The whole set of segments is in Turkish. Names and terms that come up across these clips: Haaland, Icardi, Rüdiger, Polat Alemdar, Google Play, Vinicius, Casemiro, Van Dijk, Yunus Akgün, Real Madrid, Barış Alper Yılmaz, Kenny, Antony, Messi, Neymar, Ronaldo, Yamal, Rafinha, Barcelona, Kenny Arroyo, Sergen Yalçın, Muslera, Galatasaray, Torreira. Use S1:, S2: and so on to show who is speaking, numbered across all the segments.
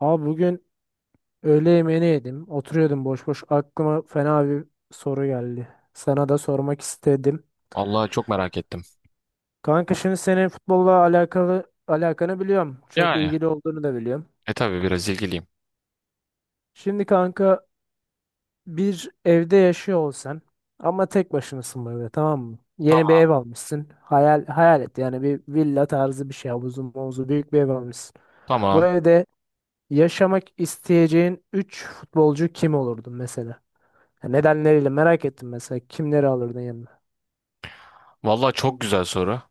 S1: Abi bugün öğle yemeğini yedim. Oturuyordum boş boş. Aklıma fena bir soru geldi. Sana da sormak istedim.
S2: Vallahi çok merak ettim.
S1: Kanka şimdi senin futbolla alakalı alakanı biliyorum. Çok
S2: Yani
S1: ilgili olduğunu da biliyorum.
S2: tabii biraz ilgiliyim.
S1: Şimdi kanka bir evde yaşıyor olsan ama tek başınasın böyle tamam mı? Yeni bir
S2: Tamam.
S1: ev almışsın. Hayal et yani bir villa tarzı bir şey. Havuzu mavuzu büyük bir ev almışsın. Bu
S2: Tamam.
S1: evde yaşamak isteyeceğin 3 futbolcu kim olurdu mesela? Ya Nedenleriyle merak ettim mesela kimleri alırdın yanına?
S2: Vallahi çok güzel soru.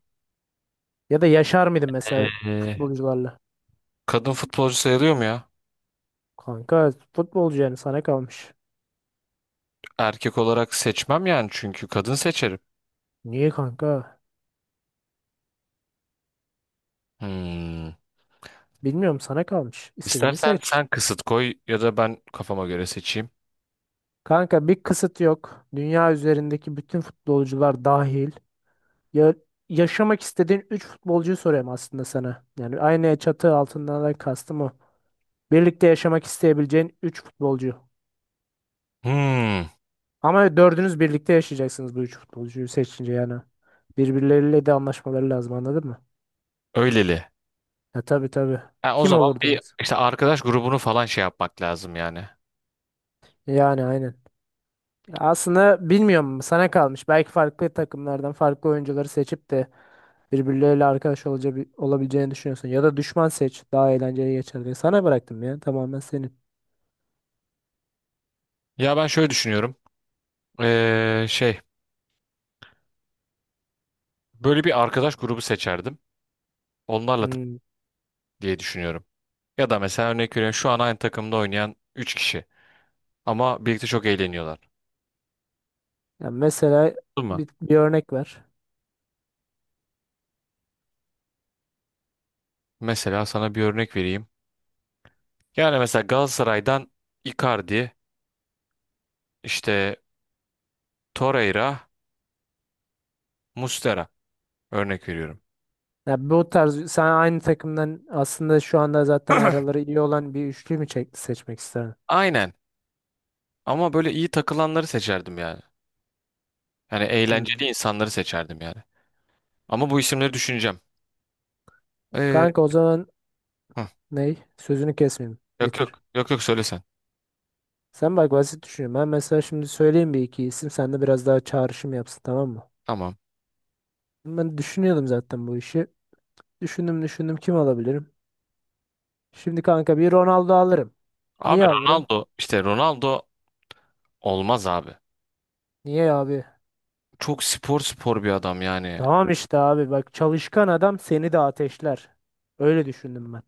S1: Ya da yaşar mıydın mesela
S2: Ee,
S1: futbolcularla?
S2: kadın futbolcu sayılıyor mu ya?
S1: Kanka futbolcu yani sana kalmış.
S2: Erkek olarak seçmem yani çünkü kadın seçerim.
S1: Niye kanka?
S2: Hmm.
S1: Bilmiyorum sana kalmış. İstediğini
S2: İstersen
S1: seç.
S2: sen kısıt koy ya da ben kafama göre seçeyim.
S1: Kanka bir kısıt yok. Dünya üzerindeki bütün futbolcular dahil. Ya, yaşamak istediğin 3 futbolcuyu soruyorum aslında sana. Yani aynı çatı altından da kastım o. Birlikte yaşamak isteyebileceğin 3 futbolcu.
S2: Hmm.
S1: Ama dördünüz birlikte yaşayacaksınız bu üç futbolcuyu seçince yani. Birbirleriyle de anlaşmaları lazım anladın mı?
S2: Öyleli.
S1: Ya tabii tabii.
S2: Ha, o
S1: Kim
S2: zaman bir
S1: olurdunuz?
S2: işte arkadaş grubunu falan şey yapmak lazım yani.
S1: Yani aynen. Ya aslında bilmiyorum sana kalmış. Belki farklı takımlardan farklı oyuncuları seçip de birbirleriyle arkadaş olabileceğini düşünüyorsun. Ya da düşman seç daha eğlenceli geçer diye. Sana bıraktım ya tamamen senin.
S2: Ya ben şöyle düşünüyorum. Şey böyle bir arkadaş grubu seçerdim. Onlarla
S1: Hmm.
S2: diye düşünüyorum. Ya da mesela örnek veriyorum şu an aynı takımda oynayan 3 kişi ama birlikte çok eğleniyorlar.
S1: Ya mesela
S2: Değil mi?
S1: bir örnek ver.
S2: Mesela sana bir örnek vereyim. Yani mesela Galatasaray'dan Icardi, işte Torreira, Muslera örnek veriyorum.
S1: Ya bu tarz sen aynı takımdan aslında şu anda zaten araları iyi olan bir üçlü mü seçmek isterdin?
S2: Aynen ama böyle iyi takılanları seçerdim yani. Yani eğlenceli
S1: Hmm.
S2: insanları seçerdim yani. Ama bu isimleri düşüneceğim. Ee,
S1: Kanka o zaman
S2: hı.
S1: ney? Sözünü kesmeyeyim.
S2: Yok,
S1: Bitir.
S2: yok, yok, yok, söyle sen.
S1: Sen bak basit düşünüyorum. Ben mesela şimdi söyleyeyim bir iki isim. Sen de biraz daha çağrışım yapsın tamam mı?
S2: Tamam.
S1: Ben düşünüyordum zaten bu işi. Düşündüm düşündüm kim alabilirim? Şimdi kanka bir Ronaldo alırım.
S2: Abi
S1: Niye alırım?
S2: Ronaldo işte Ronaldo olmaz abi.
S1: Niye abi?
S2: Çok spor spor bir adam yani.
S1: Tamam işte abi bak çalışkan adam seni de ateşler. Öyle düşündüm ben.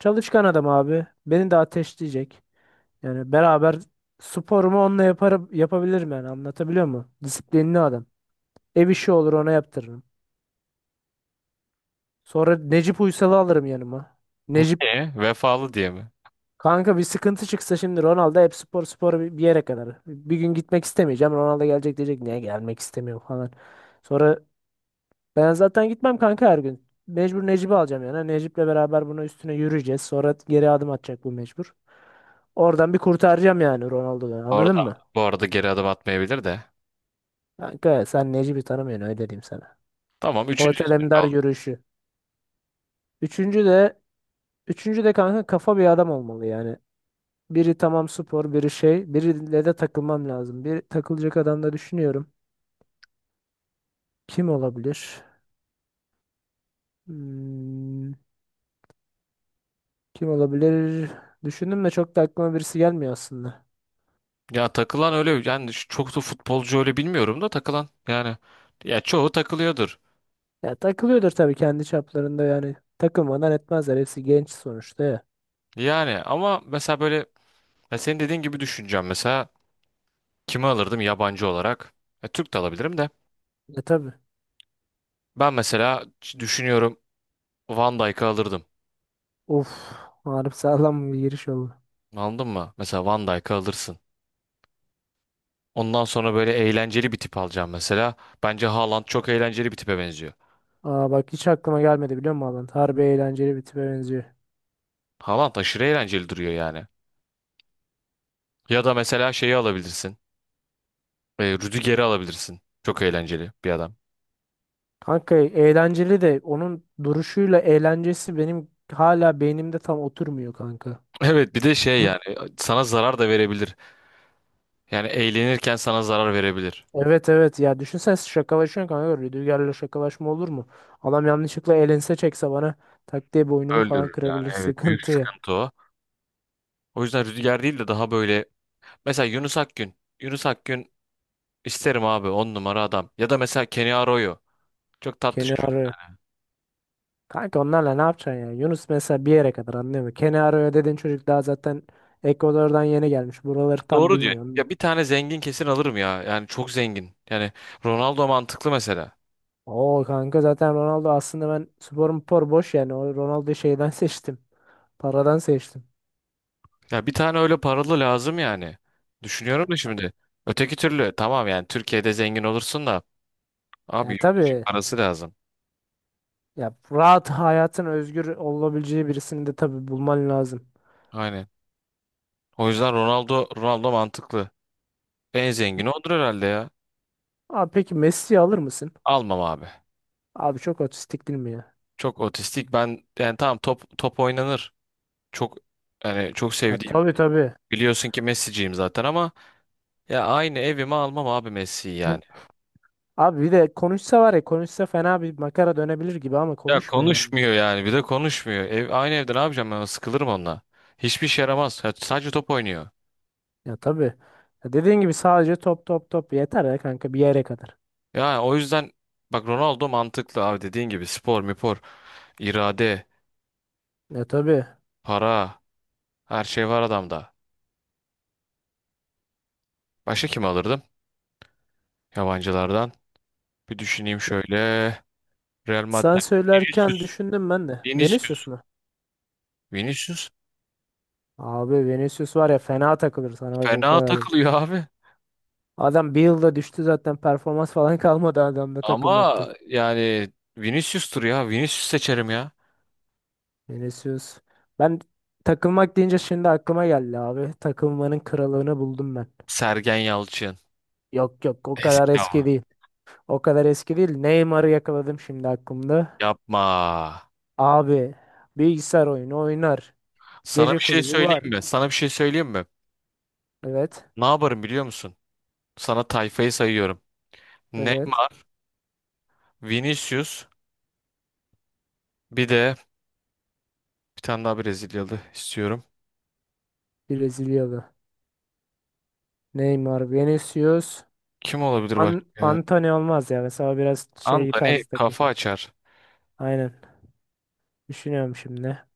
S1: Çalışkan adam abi. Beni de ateşleyecek. Yani beraber sporumu onunla yaparım, yapabilirim yani anlatabiliyor muyum? Disiplinli adam. Ev işi olur ona yaptırırım. Sonra Necip Uysal'ı alırım yanıma. Necip
S2: Niye? Vefalı diye mi?
S1: kanka bir sıkıntı çıksa şimdi Ronaldo hep spor spor bir yere kadar. Bir gün gitmek istemeyeceğim. Ronaldo gelecek diyecek niye gelmek istemiyor falan. Sonra ben zaten gitmem kanka her gün. Mecbur Necip'i alacağım yani. Necip'le beraber bunun üstüne yürüyeceğiz. Sonra geri adım atacak bu mecbur. Oradan bir kurtaracağım yani Ronaldo'dan. Anladın
S2: Orada.
S1: mı?
S2: Bu arada geri adım atmayabilir de.
S1: Kanka sen Necip'i tanımıyorsun öyle diyeyim sana.
S2: Tamam, üçüncü
S1: Polat
S2: ismin
S1: Alemdar
S2: oldu.
S1: yürüyüşü. Üçüncü de Üçüncü de kanka kafa bir adam olmalı yani. Biri tamam spor, biri şey. Biriyle de takılmam lazım. Bir takılacak adam da düşünüyorum. Kim olabilir? Hmm, kim olabilir? Düşündüm de çok da aklıma birisi gelmiyor aslında.
S2: Ya takılan öyle yani çok da futbolcu öyle bilmiyorum da takılan yani. Ya çoğu takılıyordur.
S1: Ya takılıyordur tabii kendi çaplarında yani. Takılmadan etmezler. Hepsi genç sonuçta ya.
S2: Yani ama mesela böyle ya senin dediğin gibi düşüneceğim mesela kimi alırdım yabancı olarak? Ya Türk de alabilirim de.
S1: E tabii.
S2: Ben mesela düşünüyorum Van Dijk'ı alırdım.
S1: Of. Harbi sağlam bir giriş oldu.
S2: Anladın mı? Mesela Van Dijk'ı alırsın. Ondan sonra böyle eğlenceli bir tip alacağım mesela. Bence Haaland çok eğlenceli bir tipe benziyor.
S1: Aa bak hiç aklıma gelmedi biliyor musun Alan? Harbi eğlenceli bir tipe benziyor.
S2: Haaland aşırı eğlenceli duruyor yani. Ya da mesela şeyi alabilirsin. Rüdiger'i alabilirsin. Çok eğlenceli bir adam.
S1: Kanka eğlenceli de onun duruşuyla eğlencesi benim hala beynimde tam oturmuyor kanka.
S2: Evet, bir de şey yani sana zarar da verebilir. Yani eğlenirken sana zarar verebilir.
S1: Evet evet ya düşünsene şakalaşıyorsun kanka Rüdiger'le şakalaşma olur mu? Adam yanlışlıkla elense çekse bana tak diye boynumu falan
S2: Öldürür yani,
S1: kırabilir
S2: evet, büyük
S1: sıkıntı ya.
S2: sıkıntı o. O yüzden Rüdiger değil de daha böyle mesela Yunus Akgün. Yunus Akgün isterim abi, on numara adam. Ya da mesela Kenny Arroyo. Çok tatlı
S1: Kenny
S2: çocuk.
S1: arıyor. Kanka onlarla ne yapacaksın ya? Yunus mesela bir yere kadar anlıyor mu? Kenny arıyor dediğin çocuk daha zaten Ekvador'dan yeni gelmiş. Buraları tam
S2: Doğru diyorsun.
S1: bilmiyorum.
S2: Ya bir tane zengin kesin alırım ya. Yani çok zengin. Yani Ronaldo mantıklı mesela.
S1: Oo kanka zaten Ronaldo aslında ben sporum spor boş yani. O Ronaldo'yu şeyden seçtim. Paradan seçtim.
S2: Ya bir tane öyle paralı lazım yani. Düşünüyorum da şimdi. Öteki türlü tamam yani Türkiye'de zengin olursun da abi
S1: Ya
S2: yurt dışı
S1: tabii
S2: parası lazım.
S1: ya rahat hayatın özgür olabileceği birisini de tabii bulman lazım.
S2: Aynen. O yüzden Ronaldo mantıklı. En zengini odur herhalde ya.
S1: Abi peki Messi'yi alır mısın?
S2: Almam abi.
S1: Abi çok otistik değil mi ya?
S2: Çok otistik. Ben yani tamam top top oynanır. Çok yani çok
S1: Ha,
S2: sevdiğim.
S1: tabii tabii.
S2: Biliyorsun ki Messi'ciyim zaten ama ya aynı evime almam abi Messi'yi
S1: Hı.
S2: yani.
S1: Abi bir de konuşsa var ya konuşsa fena bir makara dönebilir gibi ama
S2: Ya
S1: konuşmuyor ya.
S2: konuşmuyor yani bir de konuşmuyor. Ev, aynı evde ne yapacağım, ben sıkılırım onunla. Hiçbir işe yaramaz. Ya sadece top oynuyor.
S1: Ya tabii. Ya dediğin gibi sadece top top top yeter ya kanka bir yere kadar.
S2: Yani o yüzden bak Ronaldo mantıklı abi, dediğin gibi spor, mipor, irade,
S1: Ya tabii.
S2: para, her şey var adamda. Başka kim alırdım yabancılardan? Bir düşüneyim şöyle. Real
S1: Sen
S2: Madrid.
S1: söylerken
S2: Vinicius.
S1: düşündüm ben de. Vinicius
S2: Vinicius.
S1: mu?
S2: Vinicius.
S1: Abi Vinicius var ya fena takılır sana bak o
S2: Fena
S1: kadar.
S2: takılıyor abi.
S1: Adam bir yılda düştü zaten performans falan kalmadı adamda takılmaktan.
S2: Ama yani Vinicius'tur ya. Vinicius seçerim ya.
S1: Vinicius. Ben takılmak deyince şimdi aklıma geldi abi. Takılmanın kralını buldum ben.
S2: Sergen Yalçın.
S1: Yok yok o kadar
S2: Eski
S1: eski
S2: ama.
S1: değil. O kadar eski değil. Neymar'ı yakaladım şimdi aklımda.
S2: Yapma.
S1: Abi bilgisayar oyunu oynar.
S2: Sana
S1: Gece
S2: bir şey
S1: kulübü var.
S2: söyleyeyim mi? Sana bir şey söyleyeyim mi?
S1: Evet.
S2: Ne yaparım biliyor musun? Sana tayfayı sayıyorum.
S1: Evet.
S2: Neymar, Vinicius, bir de bir tane daha Brezilyalı istiyorum.
S1: Brezilyalı. Neymar, Vinicius.
S2: Kim olabilir başka?
S1: Antony olmaz ya. Mesela biraz şey
S2: Antony
S1: tarzı takı.
S2: kafa açar.
S1: Aynen. Düşünüyorum şimdi.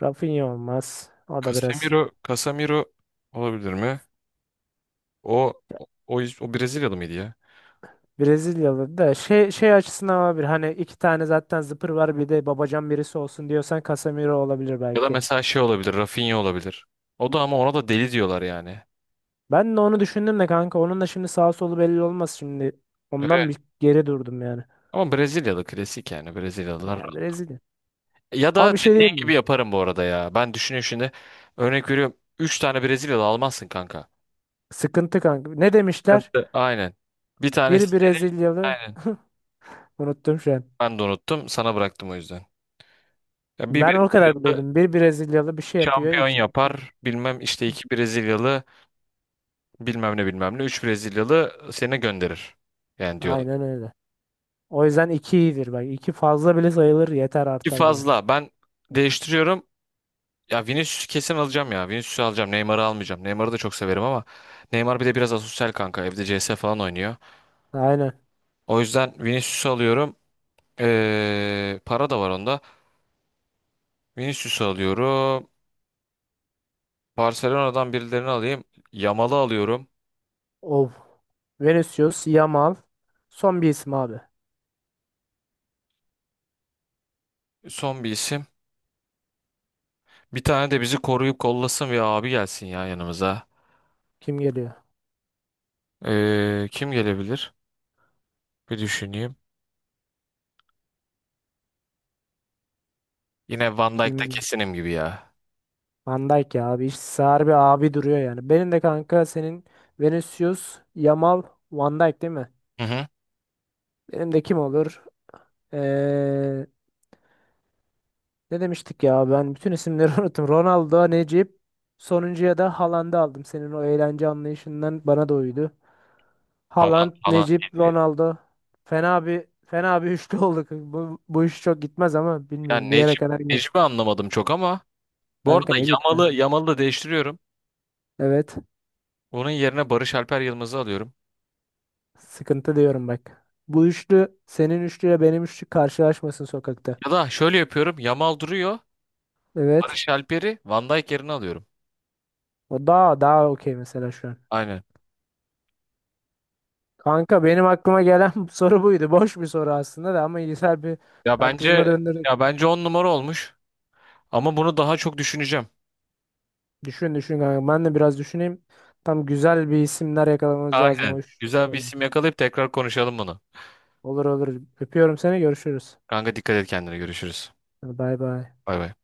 S1: Rafinha olmaz. O da biraz.
S2: Casemiro olabilir mi? O o, o Brezilyalı mıydı ya?
S1: Brezilyalı da şey açısından olabilir. Hani iki tane zaten zıpır var bir de babacan birisi olsun diyorsan Casemiro olabilir
S2: Ya da
S1: belki.
S2: mesela şey olabilir, Rafinha olabilir. O da ama ona da deli diyorlar yani.
S1: Ben de onu düşündüm de kanka onun da şimdi sağ solu belli olmaz şimdi.
S2: Evet.
S1: Ondan bir geri durdum yani.
S2: Ama Brezilyalı klasik yani Brezilyalılar.
S1: Ya Brezilya.
S2: Ya
S1: Ama
S2: da
S1: bir şey
S2: dediğin
S1: diyeyim mi?
S2: gibi yaparım bu arada ya. Ben düşünüyorum şimdi. Örnek veriyorum. 3 tane Brezilyalı almazsın kanka.
S1: Sıkıntı kanka. Ne demişler?
S2: Sıkıntı. Aynen. Bir tanesi
S1: Bir
S2: seni.
S1: Brezilyalı
S2: Aynen.
S1: unuttum şu an.
S2: Ben de unuttum. Sana bıraktım o yüzden. Ya bir
S1: Ben o kadar
S2: Brezilyalı
S1: biliyordum. Bir Brezilyalı bir şey yapıyor.
S2: şampiyon
S1: İki...
S2: yapar. Bilmem işte iki Brezilyalı bilmem ne bilmem ne. Üç Brezilyalı seni gönderir. Yani
S1: Aynen
S2: diyorlar.
S1: öyle. O yüzden iki iyidir bak. İki fazla bile sayılır yeter
S2: Ki
S1: artar bile.
S2: fazla. Ben değiştiriyorum. Ya Vinicius'u kesin alacağım ya. Vinicius'u alacağım. Neymar'ı almayacağım. Neymar'ı da çok severim ama Neymar bir de biraz asosyal kanka. Evde CS falan oynuyor.
S1: Aynen.
S2: O yüzden Vinicius'u alıyorum. Para da var onda. Vinicius'u alıyorum. Barcelona'dan birilerini alayım. Yamal'ı alıyorum.
S1: Of. Vinicius, Yamal. Son bir isim abi.
S2: Son bir isim. Bir tane de bizi koruyup kollasın ve abi gelsin ya yanımıza.
S1: Kim geliyor?
S2: Kim gelebilir? Bir düşüneyim. Yine Van Dijk da
S1: Kim?
S2: kesinim gibi ya.
S1: Van Dijk ya abi. İşte harbi abi duruyor yani. Benim de kanka senin Vinicius, Yamal, Van Dijk değil mi?
S2: Hı hı.
S1: Benim de kim olur? Ee, ne demiştik ya? Ben bütün isimleri unuttum. Ronaldo, Necip. Sonuncuya da Haaland'ı aldım. Senin o eğlence anlayışından bana da uydu.
S2: Haaland,
S1: Haaland,
S2: Haaland
S1: Necip,
S2: geliyor.
S1: Ronaldo. Fena bir üçlü olduk. Bu iş çok gitmez ama bilmiyorum
S2: Yani
S1: bir yere
S2: Necip,
S1: kadar gider.
S2: Necip'i anlamadım çok ama. Bu
S1: Kanka
S2: arada
S1: Necip'te.
S2: Yamal'ı da değiştiriyorum.
S1: Evet.
S2: Onun yerine Barış Alper Yılmaz'ı alıyorum.
S1: Sıkıntı diyorum bak. Bu üçlü senin üçlüyle benim üçlü karşılaşmasın sokakta.
S2: Ya da şöyle yapıyorum. Yamal duruyor.
S1: Evet.
S2: Barış Alper'i Van Dijk yerine alıyorum.
S1: O daha okey mesela şu an.
S2: Aynen.
S1: Kanka benim aklıma gelen soru buydu. Boş bir soru aslında da ama güzel bir
S2: Ya
S1: tartışma
S2: bence ya
S1: döndürdük.
S2: bence 10 numara olmuş. Ama bunu daha çok düşüneceğim.
S1: Düşün düşün kanka. Ben de biraz düşüneyim. Tam güzel bir isimler yakalamamız lazım. O
S2: Aynen.
S1: iş çok
S2: Güzel bir
S1: önemli.
S2: isim yakalayıp tekrar konuşalım bunu.
S1: Olur olur. Öpüyorum seni. Görüşürüz.
S2: Kanka dikkat et kendine, görüşürüz.
S1: Hadi Bay bay.
S2: Bay bay.